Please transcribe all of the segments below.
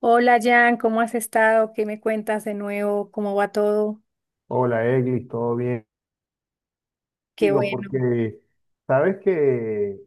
Hola Jan, ¿cómo has estado? ¿Qué me cuentas de nuevo? ¿Cómo va todo? Hola, Eglis, ¿todo bien? Qué Digo, bueno. porque sabes que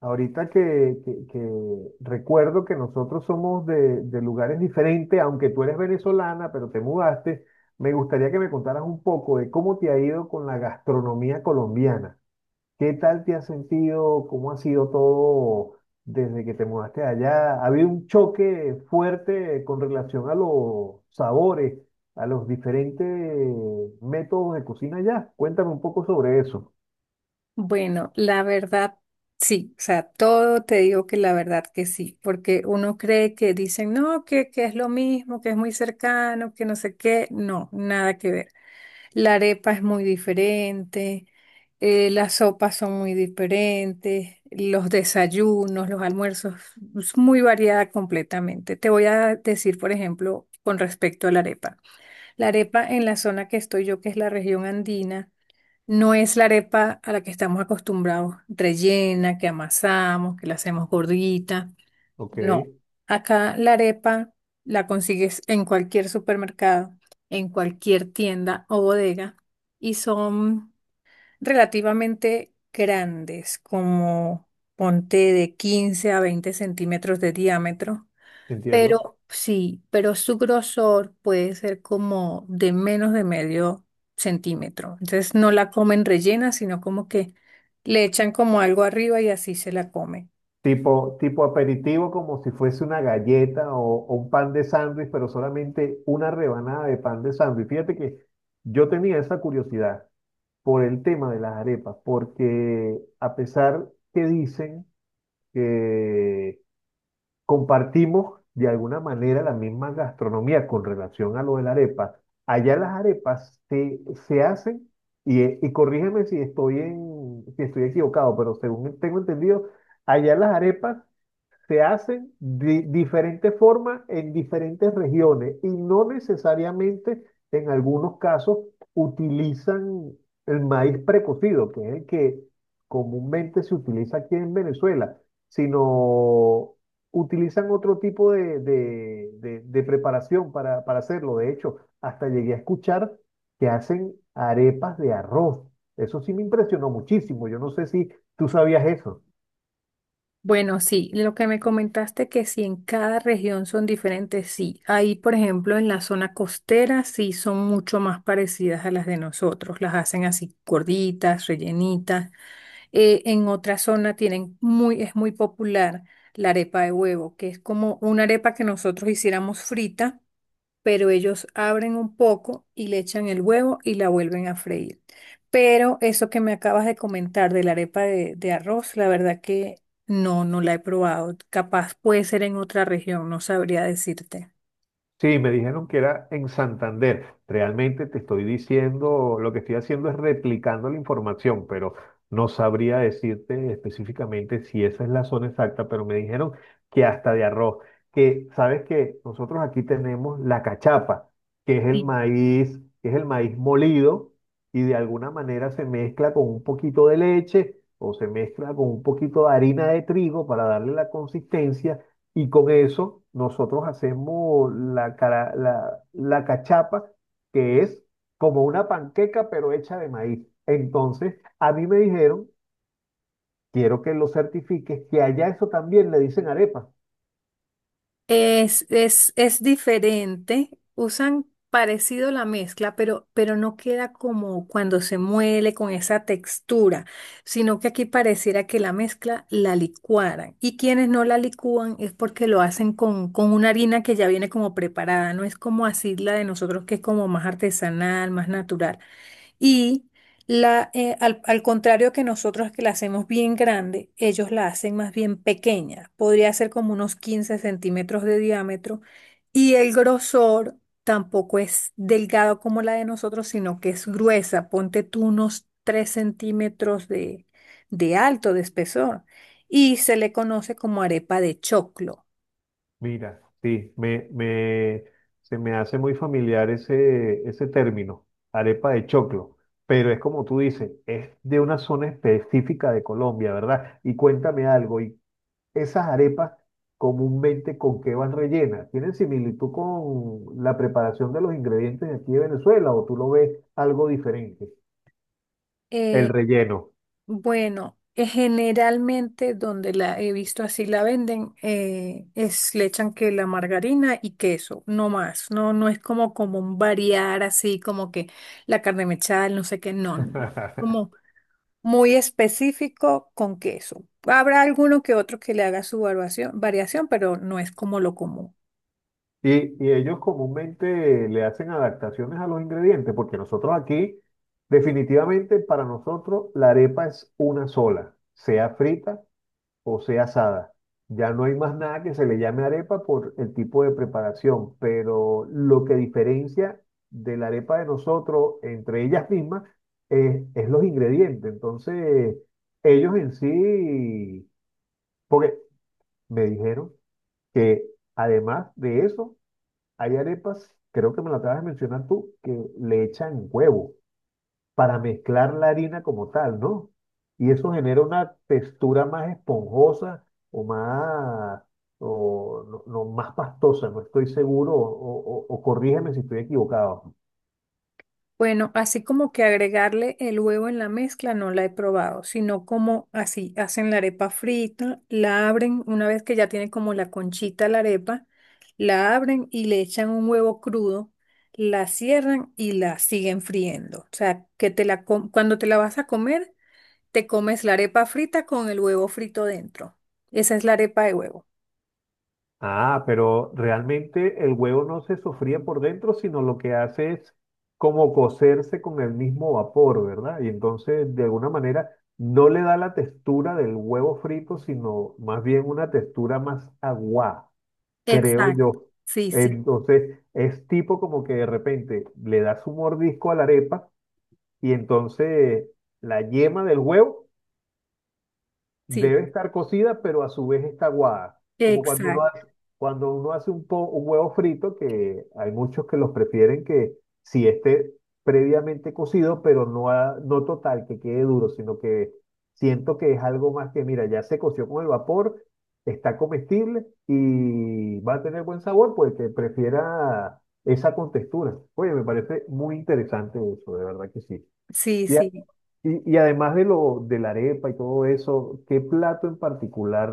ahorita que recuerdo que nosotros somos de lugares diferentes, aunque tú eres venezolana, pero te mudaste, me gustaría que me contaras un poco de cómo te ha ido con la gastronomía colombiana. ¿Qué tal te has sentido? ¿Cómo ha sido todo desde que te mudaste allá? ¿Ha habido un choque fuerte con relación a los sabores, a los diferentes métodos de cocina allá? Cuéntame un poco sobre eso. Bueno, la verdad, sí, o sea, todo te digo que la verdad que sí, porque uno cree que dicen, no, que es lo mismo, que es muy cercano, que no sé qué, no, nada que ver. La arepa es muy diferente, las sopas son muy diferentes, los desayunos, los almuerzos, es muy variada completamente. Te voy a decir, por ejemplo, con respecto a la arepa. La arepa en la zona que estoy yo, que es la región andina, no es la arepa a la que estamos acostumbrados, rellena, que amasamos, que la hacemos gordita. Ok, No, acá la arepa la consigues en cualquier supermercado, en cualquier tienda o bodega, y son relativamente grandes, como ponte de 15 a 20 centímetros de diámetro, entiendo. pero sí, pero su grosor puede ser como de menos de medio centímetro. Entonces no la comen rellena, sino como que le echan como algo arriba y así se la comen. Tipo aperitivo, como si fuese una galleta o un pan de sándwich, pero solamente una rebanada de pan de sándwich. Fíjate que yo tenía esa curiosidad por el tema de las arepas, porque a pesar que dicen que compartimos de alguna manera la misma gastronomía con relación a lo de la arepa, allá las se hacen, y corrígeme si si estoy equivocado, pero según tengo entendido, allá las arepas se hacen de diferentes formas en diferentes regiones y no necesariamente en algunos casos utilizan el maíz precocido, que es el que comúnmente se utiliza aquí en Venezuela, sino utilizan otro tipo de preparación para hacerlo. De hecho, hasta llegué a escuchar que hacen arepas de arroz. Eso sí me impresionó muchísimo. Yo no sé si tú sabías eso. Bueno, sí, lo que me comentaste, que si en cada región son diferentes, sí. Ahí, por ejemplo, en la zona costera sí son mucho más parecidas a las de nosotros. Las hacen así gorditas, rellenitas. En otra zona tienen es muy popular la arepa de huevo, que es como una arepa que nosotros hiciéramos frita, pero ellos abren un poco y le echan el huevo y la vuelven a freír. Pero eso que me acabas de comentar de la arepa de arroz, la verdad que no, no la he probado. Capaz puede ser en otra región, no sabría decirte. Sí, me dijeron que era en Santander. Realmente te estoy diciendo, lo que estoy haciendo es replicando la información, pero no sabría decirte específicamente si esa es la zona exacta, pero me dijeron que hasta de arroz, que sabes que nosotros aquí tenemos la cachapa, que es el Sí. Maíz molido y de alguna manera se mezcla con un poquito de leche o se mezcla con un poquito de harina de trigo para darle la consistencia y con eso nosotros hacemos la cachapa, que es como una panqueca, pero hecha de maíz. Entonces, a mí me dijeron, quiero que lo certifiques, que allá eso también le dicen arepa. Es diferente. Usan parecido la mezcla, pero no queda como cuando se muele con esa textura, sino que aquí pareciera que la mezcla la licuaran. Y quienes no la licúan es porque lo hacen con una harina que ya viene como preparada, no es como así la de nosotros, que es como más artesanal, más natural. Y al contrario que nosotros, que la hacemos bien grande, ellos la hacen más bien pequeña. Podría ser como unos 15 centímetros de diámetro. Y el grosor tampoco es delgado como la de nosotros, sino que es gruesa. Ponte tú unos 3 centímetros de alto, de espesor. Y se le conoce como arepa de choclo. Mira, sí, se me hace muy familiar ese término, arepa de choclo. Pero es como tú dices, es de una zona específica de Colombia, ¿verdad? Y cuéntame algo. Y Esas arepas comúnmente ¿con qué van rellenas? ¿Tienen similitud con la preparación de los ingredientes de aquí de Venezuela o tú lo ves algo diferente? El Eh, relleno. Bueno, generalmente donde la he visto así la venden, es le echan que la margarina y queso, no más. No, no es como común variar así como que la carne mechada, el no sé qué, no, no. Como muy específico con queso. Habrá alguno que otro que le haga su variación, pero no es como lo común. Y, y ellos comúnmente le hacen adaptaciones a los ingredientes, porque nosotros aquí, definitivamente para nosotros, la arepa es una sola, sea frita o sea asada. Ya no hay más nada que se le llame arepa por el tipo de preparación, pero lo que diferencia de la arepa de nosotros entre ellas mismas es los ingredientes. Entonces, ellos en sí, porque me dijeron que además de eso, hay arepas, creo que me lo acabas de mencionar tú, que le echan huevo para mezclar la harina como tal, ¿no? Y eso genera una textura más esponjosa o más, no, no, más pastosa, no estoy seguro, o, o corrígeme si estoy equivocado. Bueno, así como que agregarle el huevo en la mezcla no la he probado, sino como así hacen la arepa frita, la abren una vez que ya tiene como la conchita la arepa, la abren y le echan un huevo crudo, la cierran y la siguen friendo. O sea, que cuando te la vas a comer, te comes la arepa frita con el huevo frito dentro. Esa es la arepa de huevo. Ah, pero realmente el huevo no se sofría por dentro, sino lo que hace es como cocerse con el mismo vapor, ¿verdad? Y entonces, de alguna manera, no le da la textura del huevo frito, sino más bien una textura más aguada, creo Exacto. yo. Sí, sí, Entonces, es tipo como que de repente le das un mordisco a la arepa y entonces la yema del huevo sí. debe estar cocida, pero a su vez está aguada. Como cuando uno Exacto. hace, Cuando uno hace un huevo frito, que hay muchos que los prefieren que si esté previamente cocido, pero no, no total, que quede duro, sino que siento que es algo más que, mira, ya se coció con el vapor, está comestible y va a tener buen sabor, pues que prefiera esa contextura. Oye, me parece muy interesante eso, de verdad que sí. Sí, sí. Y además de lo de la arepa y todo eso, ¿qué plato en particular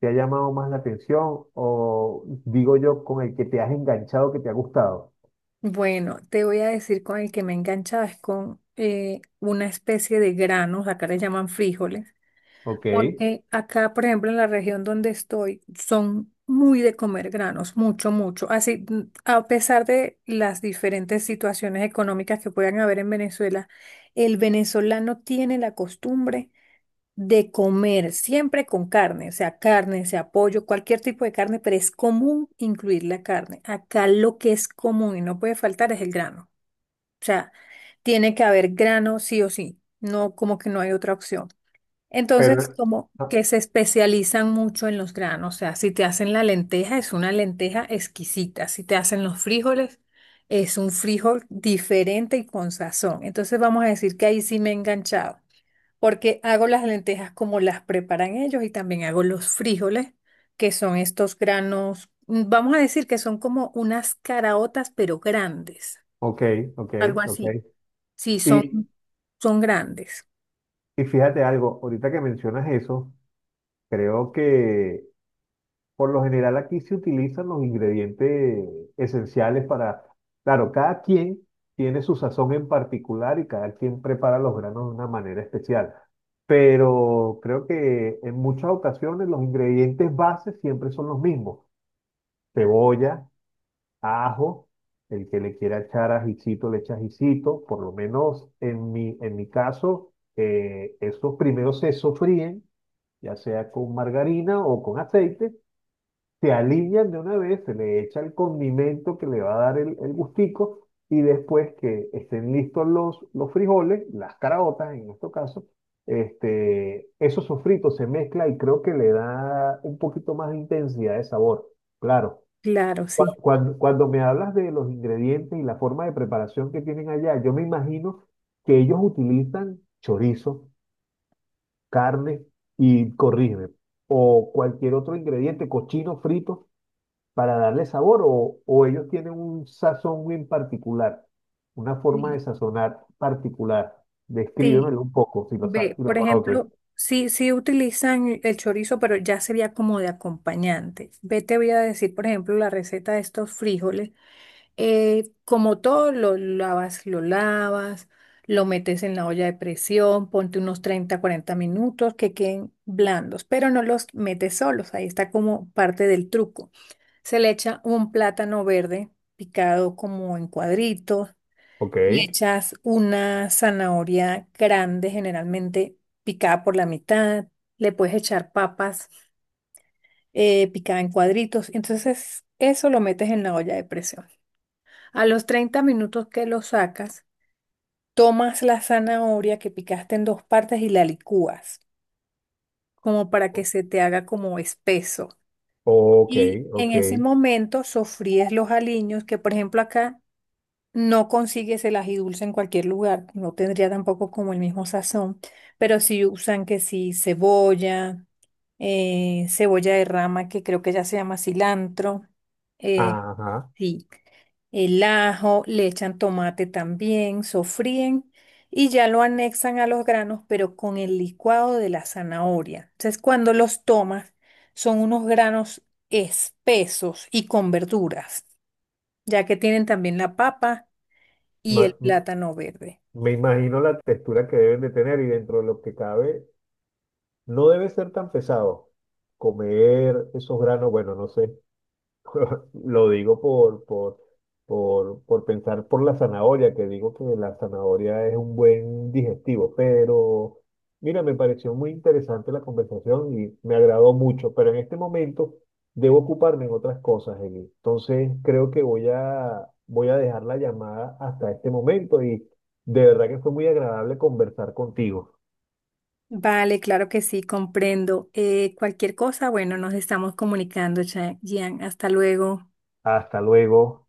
te ha llamado más la atención? O digo yo, con el que te has enganchado, que te ha gustado. Bueno, te voy a decir, con el que me he enganchado es con una especie de granos, acá le llaman frijoles, Ok, porque acá, por ejemplo, en la región donde estoy, son muy de comer granos, mucho, mucho. Así, a pesar de las diferentes situaciones económicas que puedan haber en Venezuela, el venezolano tiene la costumbre de comer siempre con carne, o sea, carne, sea pollo, cualquier tipo de carne, pero es común incluir la carne. Acá lo que es común y no puede faltar es el grano. O sea, tiene que haber grano sí o sí, no como que no hay otra opción. Entonces, pero... como ah, que se especializan mucho en los granos, o sea, si te hacen la lenteja, es una lenteja exquisita, si te hacen los frijoles, es un frijol diferente y con sazón. Entonces, vamos a decir que ahí sí me he enganchado, porque hago las lentejas como las preparan ellos y también hago los frijoles, que son estos granos. Vamos a decir que son como unas caraotas, pero grandes, ok, ok, algo así. ok. Sí, son, Y, son grandes. y fíjate algo, ahorita que mencionas eso, creo que por lo general aquí se utilizan los ingredientes esenciales para, claro, cada quien tiene su sazón en particular y cada quien prepara los granos de una manera especial. Pero creo que en muchas ocasiones los ingredientes bases siempre son los mismos. Cebolla, ajo, el que le quiera echar ajicito le echa ajicito. Por lo menos en mi caso, esos primeros se sofríen, ya sea con margarina o con aceite, se alinean de una vez, se le echa el condimento que le va a dar el gustico y después que estén listos los frijoles, las caraotas en este caso, este, eso sofrito se mezcla y creo que le da un poquito más de intensidad de sabor. Claro, Claro, sí. Cuando me hablas de los ingredientes y la forma de preparación que tienen allá, yo me imagino que ellos utilizan chorizo, carne y corrígeme, o cualquier otro ingrediente, cochino frito para darle sabor o ellos tienen un sazón en particular, una forma de Sí. sazonar particular. Sí. Descríbemelo un poco Ve, si lo por conoces. ejemplo, sí, sí utilizan el chorizo, pero ya sería como de acompañante. Ve, te voy a decir, por ejemplo, la receta de estos frijoles. Como todo, lo lavas, lo lavas, lo metes en la olla de presión, ponte unos 30, 40 minutos que queden blandos, pero no los metes solos, ahí está como parte del truco. Se le echa un plátano verde picado como en cuadritos, Ok, le echas una zanahoria grande, generalmente picada por la mitad. Le puedes echar papas picadas en cuadritos. Entonces eso lo metes en la olla de presión. A los 30 minutos que lo sacas, tomas la zanahoria que picaste en dos partes y la licúas, como para que se te haga como espeso. ok, Y en ok. ese momento sofríes los aliños, que por ejemplo acá no consigues el ají dulce en cualquier lugar, no tendría tampoco como el mismo sazón, pero sí usan que sí cebolla, cebolla de rama, que creo que ya se llama cilantro, eh, Ajá. sí, el ajo, le echan tomate también, sofríen y ya lo anexan a los granos, pero con el licuado de la zanahoria. Entonces, cuando los tomas, son unos granos espesos y con verduras, ya que tienen también la papa y el Ma- m- plátano verde. Me imagino la textura que deben de tener y dentro de lo que cabe, no debe ser tan pesado comer esos granos, bueno, no sé. Lo digo por pensar por la zanahoria, que digo que la zanahoria es un buen digestivo, pero mira, me pareció muy interesante la conversación y me agradó mucho, pero en este momento debo ocuparme en otras cosas, Eli. Entonces creo que voy a dejar la llamada hasta este momento y de verdad que fue muy agradable conversar contigo. Vale, claro que sí, comprendo. Cualquier cosa, bueno, nos estamos comunicando, Gian. Hasta luego. Hasta luego.